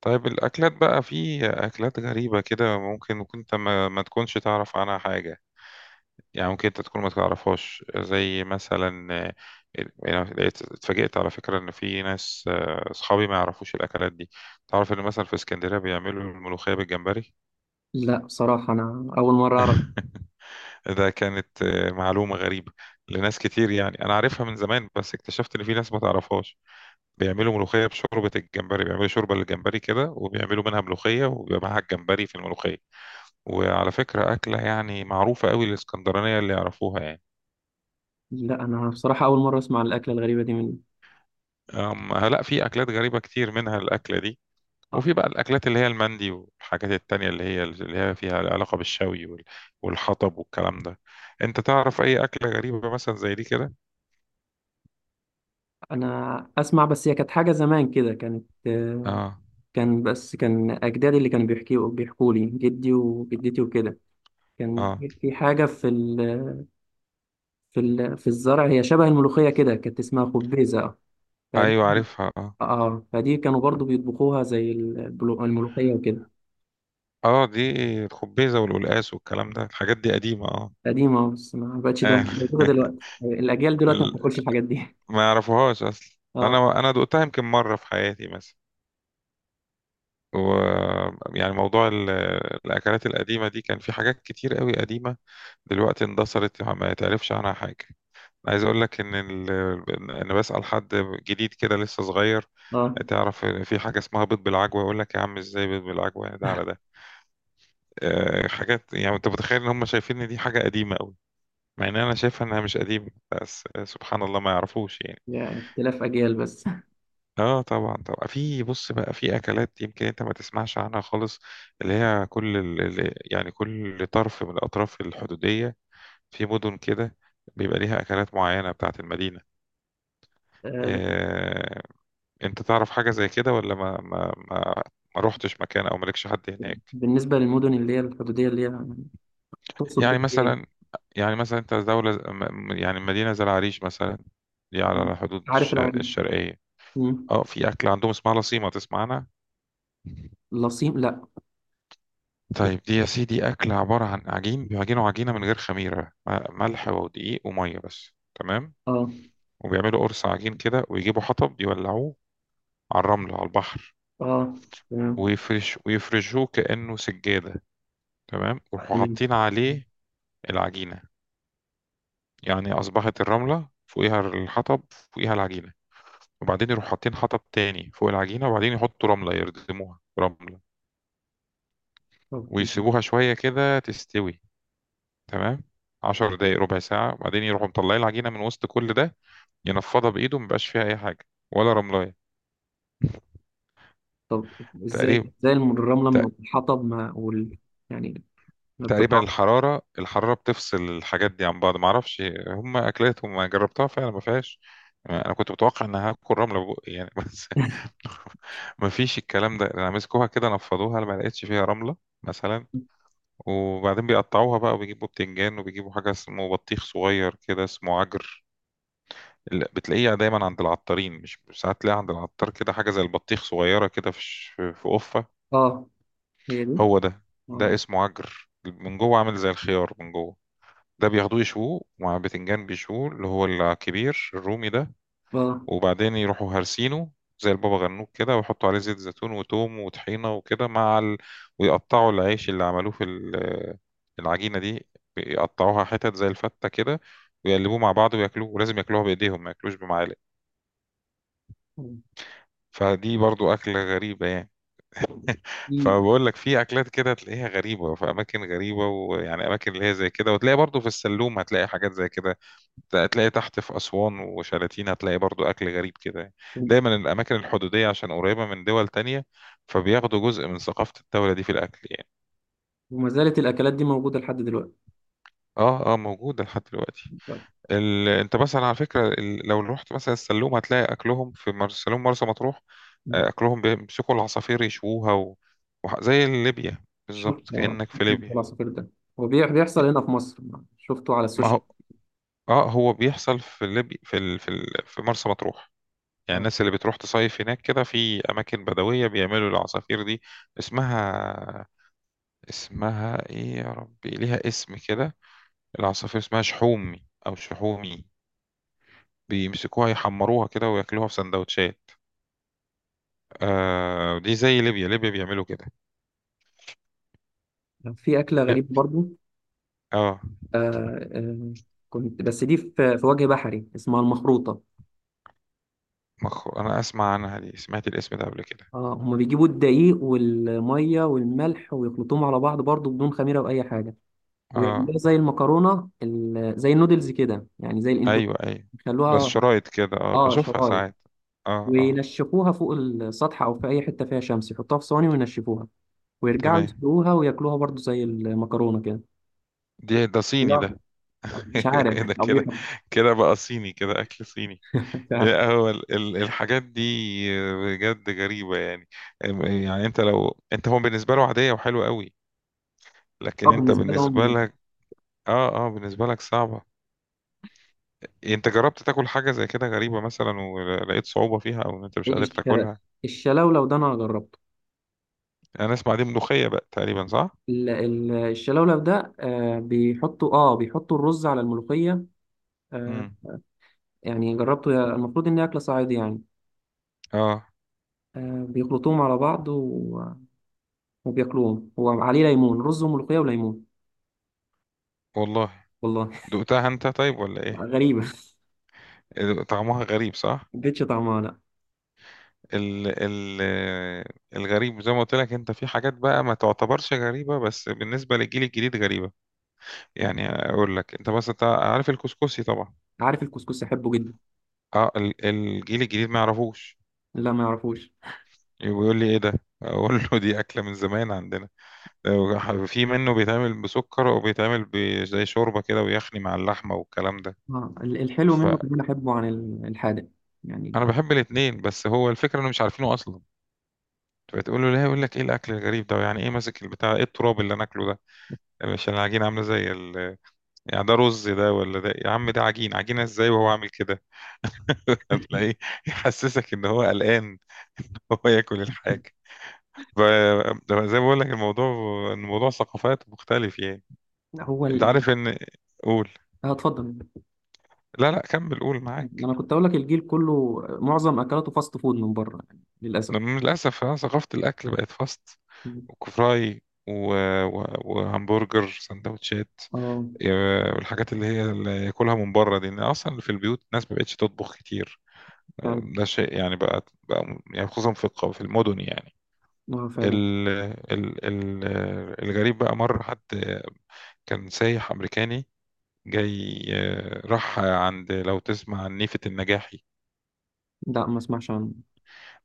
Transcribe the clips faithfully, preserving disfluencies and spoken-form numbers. طيب الأكلات بقى في أكلات غريبة كده ممكن كنت ما, ما تكونش تعرف عنها حاجة. يعني ممكن أنت تكون ما تعرفهاش زي مثلا آه، يعني لقيت اتفاجئت على فكرة إن في ناس آه، أصحابي ما يعرفوش الأكلات دي. تعرف إن مثلا في اسكندرية بيعملوا الملوخية بالجمبري. لا، بصراحة أنا أول مرة أعرف. ده كانت آه، معلومة غريبة لناس كتير، يعني أنا عارفها من زمان بس اكتشفت إن في ناس ما تعرفهاش. بيعملوا ملوخية بشوربة الجمبري، بيعملوا شوربة للجمبري كده وبيعملوا منها ملوخية وبيبقى معاها الجمبري في الملوخية. وعلى فكرة أكلة يعني معروفة قوي، الإسكندرانية اللي يعرفوها يعني. لا، أنا بصراحة أول مرة أسمع عن الأكلة الغريبة دي من أم لا، في أكلات غريبة كتير منها الأكلة دي. آه، وفي بقى الأكلات اللي هي المندي والحاجات التانية اللي هي اللي هي فيها علاقة بالشوي وال- والحطب والكلام ده. أنت تعرف أي أكلة غريبة مثلا زي دي كده؟ أنا أسمع. بس هي كانت حاجة زمان كده كانت آه، آه. كان بس كان أجدادي اللي كانوا بيحكيوا بيحكوا لي، جدي وجدتي وكده. كان آه. في حاجة في ال... في ال... في الزرع، هي شبه الملوخية كده، كانت اسمها خبيزة. فدي، أيوة عارفها، آه. آه فدي كانوا برضو بيطبخوها زي البلو- الملوخية وكده. آه دي الخبيزة والقلقاس والكلام ده، الحاجات دي قديمة آه. قديمة بس ما بقتش ده- آه. موجودة دلوقتي، الأجيال دلوقتي ما ال- بتاكلش الحاجات دي. ما يعرفوهاش أصلا. آه أنا أنا دقتها يمكن مرة في حياتي مثلا. ويعني موضوع ال- الأكلات القديمة دي، كان في حاجات كتير قوي قديمة دلوقتي اندثرت، يعني ما يتعرفش عنها حاجة. أنا عايز أقول لك إن ال... أنا بسأل حد جديد كده لسه صغير، آه. تعرف في حاجة اسمها بيض بالعجوة، يقول لك يا عم إزاي بيض بالعجوة، يعني ده على ده. أه، حاجات يعني أنت متخيل إن هم شايفين إن دي حاجة قديمة قوي، مع إن أنا شايفها إنها مش قديمة، بس سبحان الله ما يعرفوش يعني. يعني اختلاف أجيال بس. اه، طبعا طبعا. في بص بقى في اكلات يمكن انت ما تسمعش عنها خالص، اللي هي كل ال... ال- يعني كل طرف من الاطراف الحدوديه، في مدن كده بيبقى ليها اكلات معينه بتاعه المدينه. آه، آه... انت تعرف حاجه زي كده ولا ما ما ما, ما روحتش مكان او مالكش حد هناك؟ بالنسبة للمدن اللي هي الحدودية، اللي هي تقصد يعني بيها إيه؟ مثلا، يعني مثلا انت دوله ز- م- يعني مدينه زي العريش مثلا، دي آه، على حدود عارف الش... العريش. الشرقيه. مم. اه، في اكل عندهم اسمها لصيمه، تسمع عنها؟ لصيم؟ لا. طيب دي يا سيدي أكلة عبارة عن عجين، بيعجنوا عجينة من غير خميرة، م- ملح ودقيق ومية بس، تمام. اه وبيعملوا قرص عجين كده ويجيبوا حطب يولعوه على الرمل على البحر، اه. تمام. ويفرش ويفرشوه كأنه سجادة، تمام، ويروحوا تمام. حاطين عليه العجينة. يعني أصبحت الرملة فوقيها الحطب فوقيها العجينة، وبعدين يروحوا حاطين حطب تاني فوق العجينة، وبعدين يحطوا رملة يردموها رملة طب دي. ويسيبوها شوية كده تستوي، تمام. عشر دقايق ربع ساعة، وبعدين يروحوا مطلعين العجينة من وسط كل ده، ينفضها بايده مبقاش فيها اي حاجه ولا رملايه طب ازاي؟ تقريبا. ازاي الم- الرملة تق- من الحطب ما وال، يعني ما تقريبا بتتعرف؟ الحراره الحراره بتفصل الحاجات دي عن بعض، معرفش. هم اكلاتهم ما جربتها فعلا، ما فيهاش. انا كنت متوقع ان هاكل رمله بقى يعني، بس ما فيش الكلام ده، انا مسكوها كده نفضوها ما لقيتش فيها رمله مثلا. وبعدين بيقطعوها بقى وبيجيبوا بتنجان، وبيجيبوا حاجه اسمه بطيخ صغير كده اسمه عجر. ال- بتلاقيه دايما عند العطارين، مش ساعات تلاقيها عند العطار كده، حاجه زي البطيخ صغيره كده في ش- في قفه. اه هي دي. هو ده. ده اه اسمه عجر، من جوه عامل زي الخيار من جوه. ده بياخدوه يشووه مع بتنجان بيشووه، اللي هو الكبير الرومي ده. اه. وبعدين يروحوا هرسينه زي البابا غنوج كده، ويحطوا عليه زيت زيتون وتوم وطحينة وكده مع ال... ويقطعوا العيش اللي عملوه في ال- العجينة دي، يقطعوها حتت زي الفتة كده، ويقلبوه مع بعض وياكلوه، ولازم ياكلوها بإيديهم ما ياكلوش بمعالق. فدي برضو أكلة غريبة يعني. دي فبقول لك في اكلات كده تلاقيها غريبه في اماكن غريبه، ويعني اماكن اللي هي زي كده، وتلاقي برضو في السلوم هتلاقي حاجات زي كده. هتلاقي تحت في اسوان وشلاتين هتلاقي برضو اكل غريب كده يعني. دايما الاماكن الحدوديه عشان قريبه من دول تانية، فبياخدوا جزء من ثقافه الدوله دي في الاكل يعني. وما زالت الأكلات دي موجودة لحد دلوقتي؟ اه اه، موجوده لحد دلوقتي. ال... انت مثلا على فكره، ال... لو رحت مثلا السلوم هتلاقي اكلهم في مر... سلوم مرسى مطروح. آه، مم. اكلهم بيمسكوا العصافير يشووها و... وح- زي ليبيا شوف بالظبط، آه، كانك في ليبيا. العصافير ده هو بيح- بيحصل هنا في مصر، شفته على ما السوشيال. اه هو بيحصل في ليبي في ال... في ال... في مرسى مطروح، يعني آه. الناس اللي بتروح تصيف هناك كده في اماكن بدويه بيعملوا العصافير دي. اسمها، اسمها ايه يا ربي، ليها اسم كده. العصافير اسمها شحومي او شحومي، بيمسكوها يحمروها كده وياكلوها في سندوتشات. آه دي زي ليبيا، ليبيا بيعملوا كده. في أكلة ليب... غريبة برضو. اه. آه آه، كنت بس دي في في وجه بحري اسمها المخروطة. مخ... انا اسمع عنها دي، سمعت الاسم ده قبل كده. اه، هما بيجيبوا الدقيق والمية والملح ويخلطوهم على بعض برضو بدون خميرة أو أي حاجة، اه، ويعملوها زي المكرونة ال- زي النودلز كده، يعني زي الاندومي. ايوه ايوه. بس يخلوها شرايط كده، اه اه بشوفها شرايط، ساعات. اه اه. وينشفوها فوق السطح أو في أي حتة فيها شمس، يحطوها في صواني وينشفوها، ويرجعوا تمام. يسلقوها وياكلوها برضو زي المكرونة كده. دي ده صيني لا، ده. مش عارف ده كده، أبيهم. كده بقى صيني، كده أكل صيني. مش عارف. إيه هو ال- ال- الحاجات دي بجد غريبة يعني. أم- يعني انت لو، انت هو بالنسبة له عادية وحلوة قوي، اه، لكن انت بالنسبة بالنسبة لهم. لك، اه اه بالنسبة لك صعبة. انت جربت تاكل حاجة زي كده غريبة مثلا، ولقيت صعوبة فيها او ان انت مش إيه قادر الش- تاكلها؟ الشلولو ده أنا جربته. انا اسمع دي ملوخية بقى تقريبا، صح؟ ال- ال- الشلولب ده آه، بيحطوا اه بيحطوا الرز على الملوخية. آه، امم. يعني جربته، يا- المفروض ان هي اكلة صعيدي يعني. اه. آه، بيخلطوهم على بعض و- وبياكلوهم، وعليه ليمون، رز وملوخية وليمون. والله؟ والله. دقتها انت طيب ولا ايه؟ غريبة. إيه، طعمها غريب صح؟ ما اديتش طعمها لا. ال ال الغريب زي ما قلت لك انت، في حاجات بقى ما تعتبرش غريبة بس بالنسبة للجيل الجديد غريبة. يعني اقول لك انت بس، انت عارف الكسكسي طبعا. عارف الكسكس، احبه جدا. اه، ال- الجيل الجديد ما يعرفوش، لا، ما يعرفوش. يقول لي ايه ده، اقول له دي اكلة من زمان عندنا. في منه بيتعمل بسكر وبيتعمل ب- زي شوربة كده ويخني مع اللحمة والكلام ده. اه، ال- الحلو منه فانا كمان احبه عن ال- الحادق يعني. بحب الاتنين، بس هو الفكرة انه مش عارفينه اصلا. فتقول له، لا يقول لك ايه الاكل الغريب ده، يعني ايه ماسك البتاع، ايه التراب اللي انا اكله ده، مش العجينة عاملة زي ال، يعني ده رز ده ولا ده، يا عم ده عجين، عجينة ازاي وهو عامل كده؟ تلاقيه يحسسك ان هو قلقان ان هو ياكل الحاجة. ف- زي ما بقول لك الموضوع، الموضوع ثقافات مختلف يعني. هو انت ال... عارف ان، قول. اه، اتفضل. لا لا، كمل قول معاك. انا كنت اقول لك الجيل كله معظم اكلاته فاست فود من بره، يعني للاسف. من للاسف أنا ثقافة الاكل بقت فاست، وكفراي و... و... وهمبرجر سندوتشات، اه، آه، والحاجات اللي هي اللي ياكلها من بره دي، ان اصلا في البيوت الناس ما بقتش تطبخ كتير. فعلا. ده شيء يعني بقى بقى يعني، خصوصا في الق- في المدن يعني. اه، فعلا. ال ال ال الغريب بقى، مرة حد كان سايح أمريكاني جاي آه، راح عند، لو تسمع عن نيفة النجاحي. لا، ما اسمعش عنه.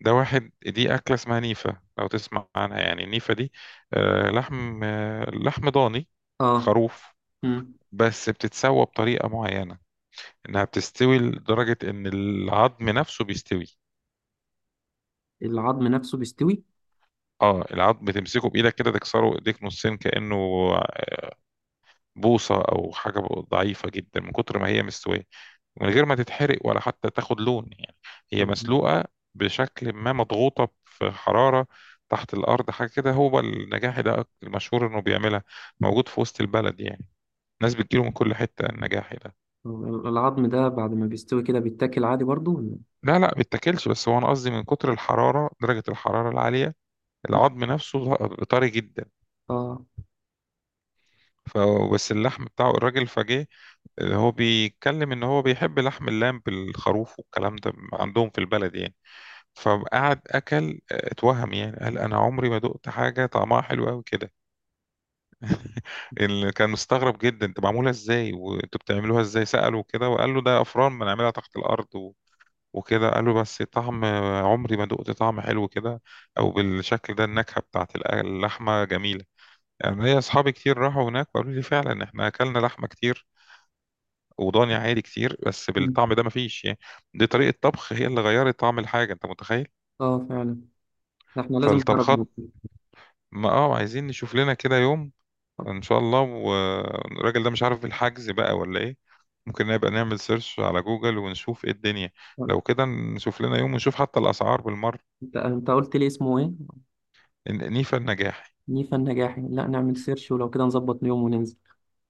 ده واحد، دي أكلة اسمها نيفة لو تسمع عنها، يعني النيفة دي آه، لحم، آه، لحم ضاني اه. خروف، مم. بس بتتسوى بطريقة معينة إنها بتستوي لدرجة إن العظم نفسه بيستوي. العظم نفسه بيستوي؟ اه العظم بتمسكه بايدك كده تكسره ايديك نصين، كانه بوصة أو حاجة ضعيفة جدا من كتر ما هي مستوية، من غير ما تتحرق ولا حتى تاخد لون يعني. هي طب. مسلوقة بشكل ما، مضغوطة في حرارة تحت الأرض حاجة كده. هو النجاحي ده المشهور إنه بيعملها، موجود في وسط البلد يعني، الناس بتجيله من كل حتة، النجاحي ده. طب العظم ده بعد ما بيستوي كده بيتاكل عادي برضو ولا؟ لا لا بيتاكلش، بس هو أنا قصدي من كتر الحرارة، درجة الحرارة العالية، مم. العظم نفسه طري جدا. اه. فبس اللحم بتاعه، الراجل فجاه اللي هو بيتكلم ان هو بيحب لحم اللام بالخروف والكلام ده عندهم في البلد يعني، فقعد اكل آه، اتوهم يعني، قال انا عمري ما دقت حاجه طعمها حلو قوي كده. اللي كان مستغرب جدا انت معموله ازاي وانتوا بتعملوها ازاي ساله كده، وقال له ده افران بنعملها تحت الارض و... وكده، قال له بس طعم آه، عمري ما دقت طعم حلو كده او بالشكل ده، النكهه بتاعت اللحمه جميله يعني. ليا اصحابي كتير راحوا هناك وقالوا لي فعلا احنا اكلنا لحمه كتير وضاني عادي كتير بس مم. بالطعم ده مفيش يعني. دي طريقة طبخ هي اللي غيرت طعم الحاجة، انت متخيل. اه فعلا. ده احنا لازم نجرب نعمل. فالطبخات، ما اه عايزين نشوف لنا كده يوم، طب. ان شاء الله. والراجل ده مش عارف الحجز بقى ولا ايه، ممكن نبقى نعمل سيرش على جوجل ونشوف ايه الدنيا. طب. لو كده نشوف لنا يوم، ونشوف حتى الاسعار بالمرة. انت انت قلت لي اسمه ايه؟ إن- نيفا النجاحي. نيفا النجاحي. لا نعمل سيرش، ولو كده نظبط يوم وننزل.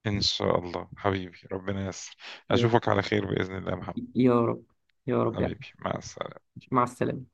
ان شاء الله حبيبي، ربنا ييسر. يلا. اشوفك على خير باذن الله يا محمد. يا رب. يا رب يا احمد. حبيبي، مع السلامة. مع السلامة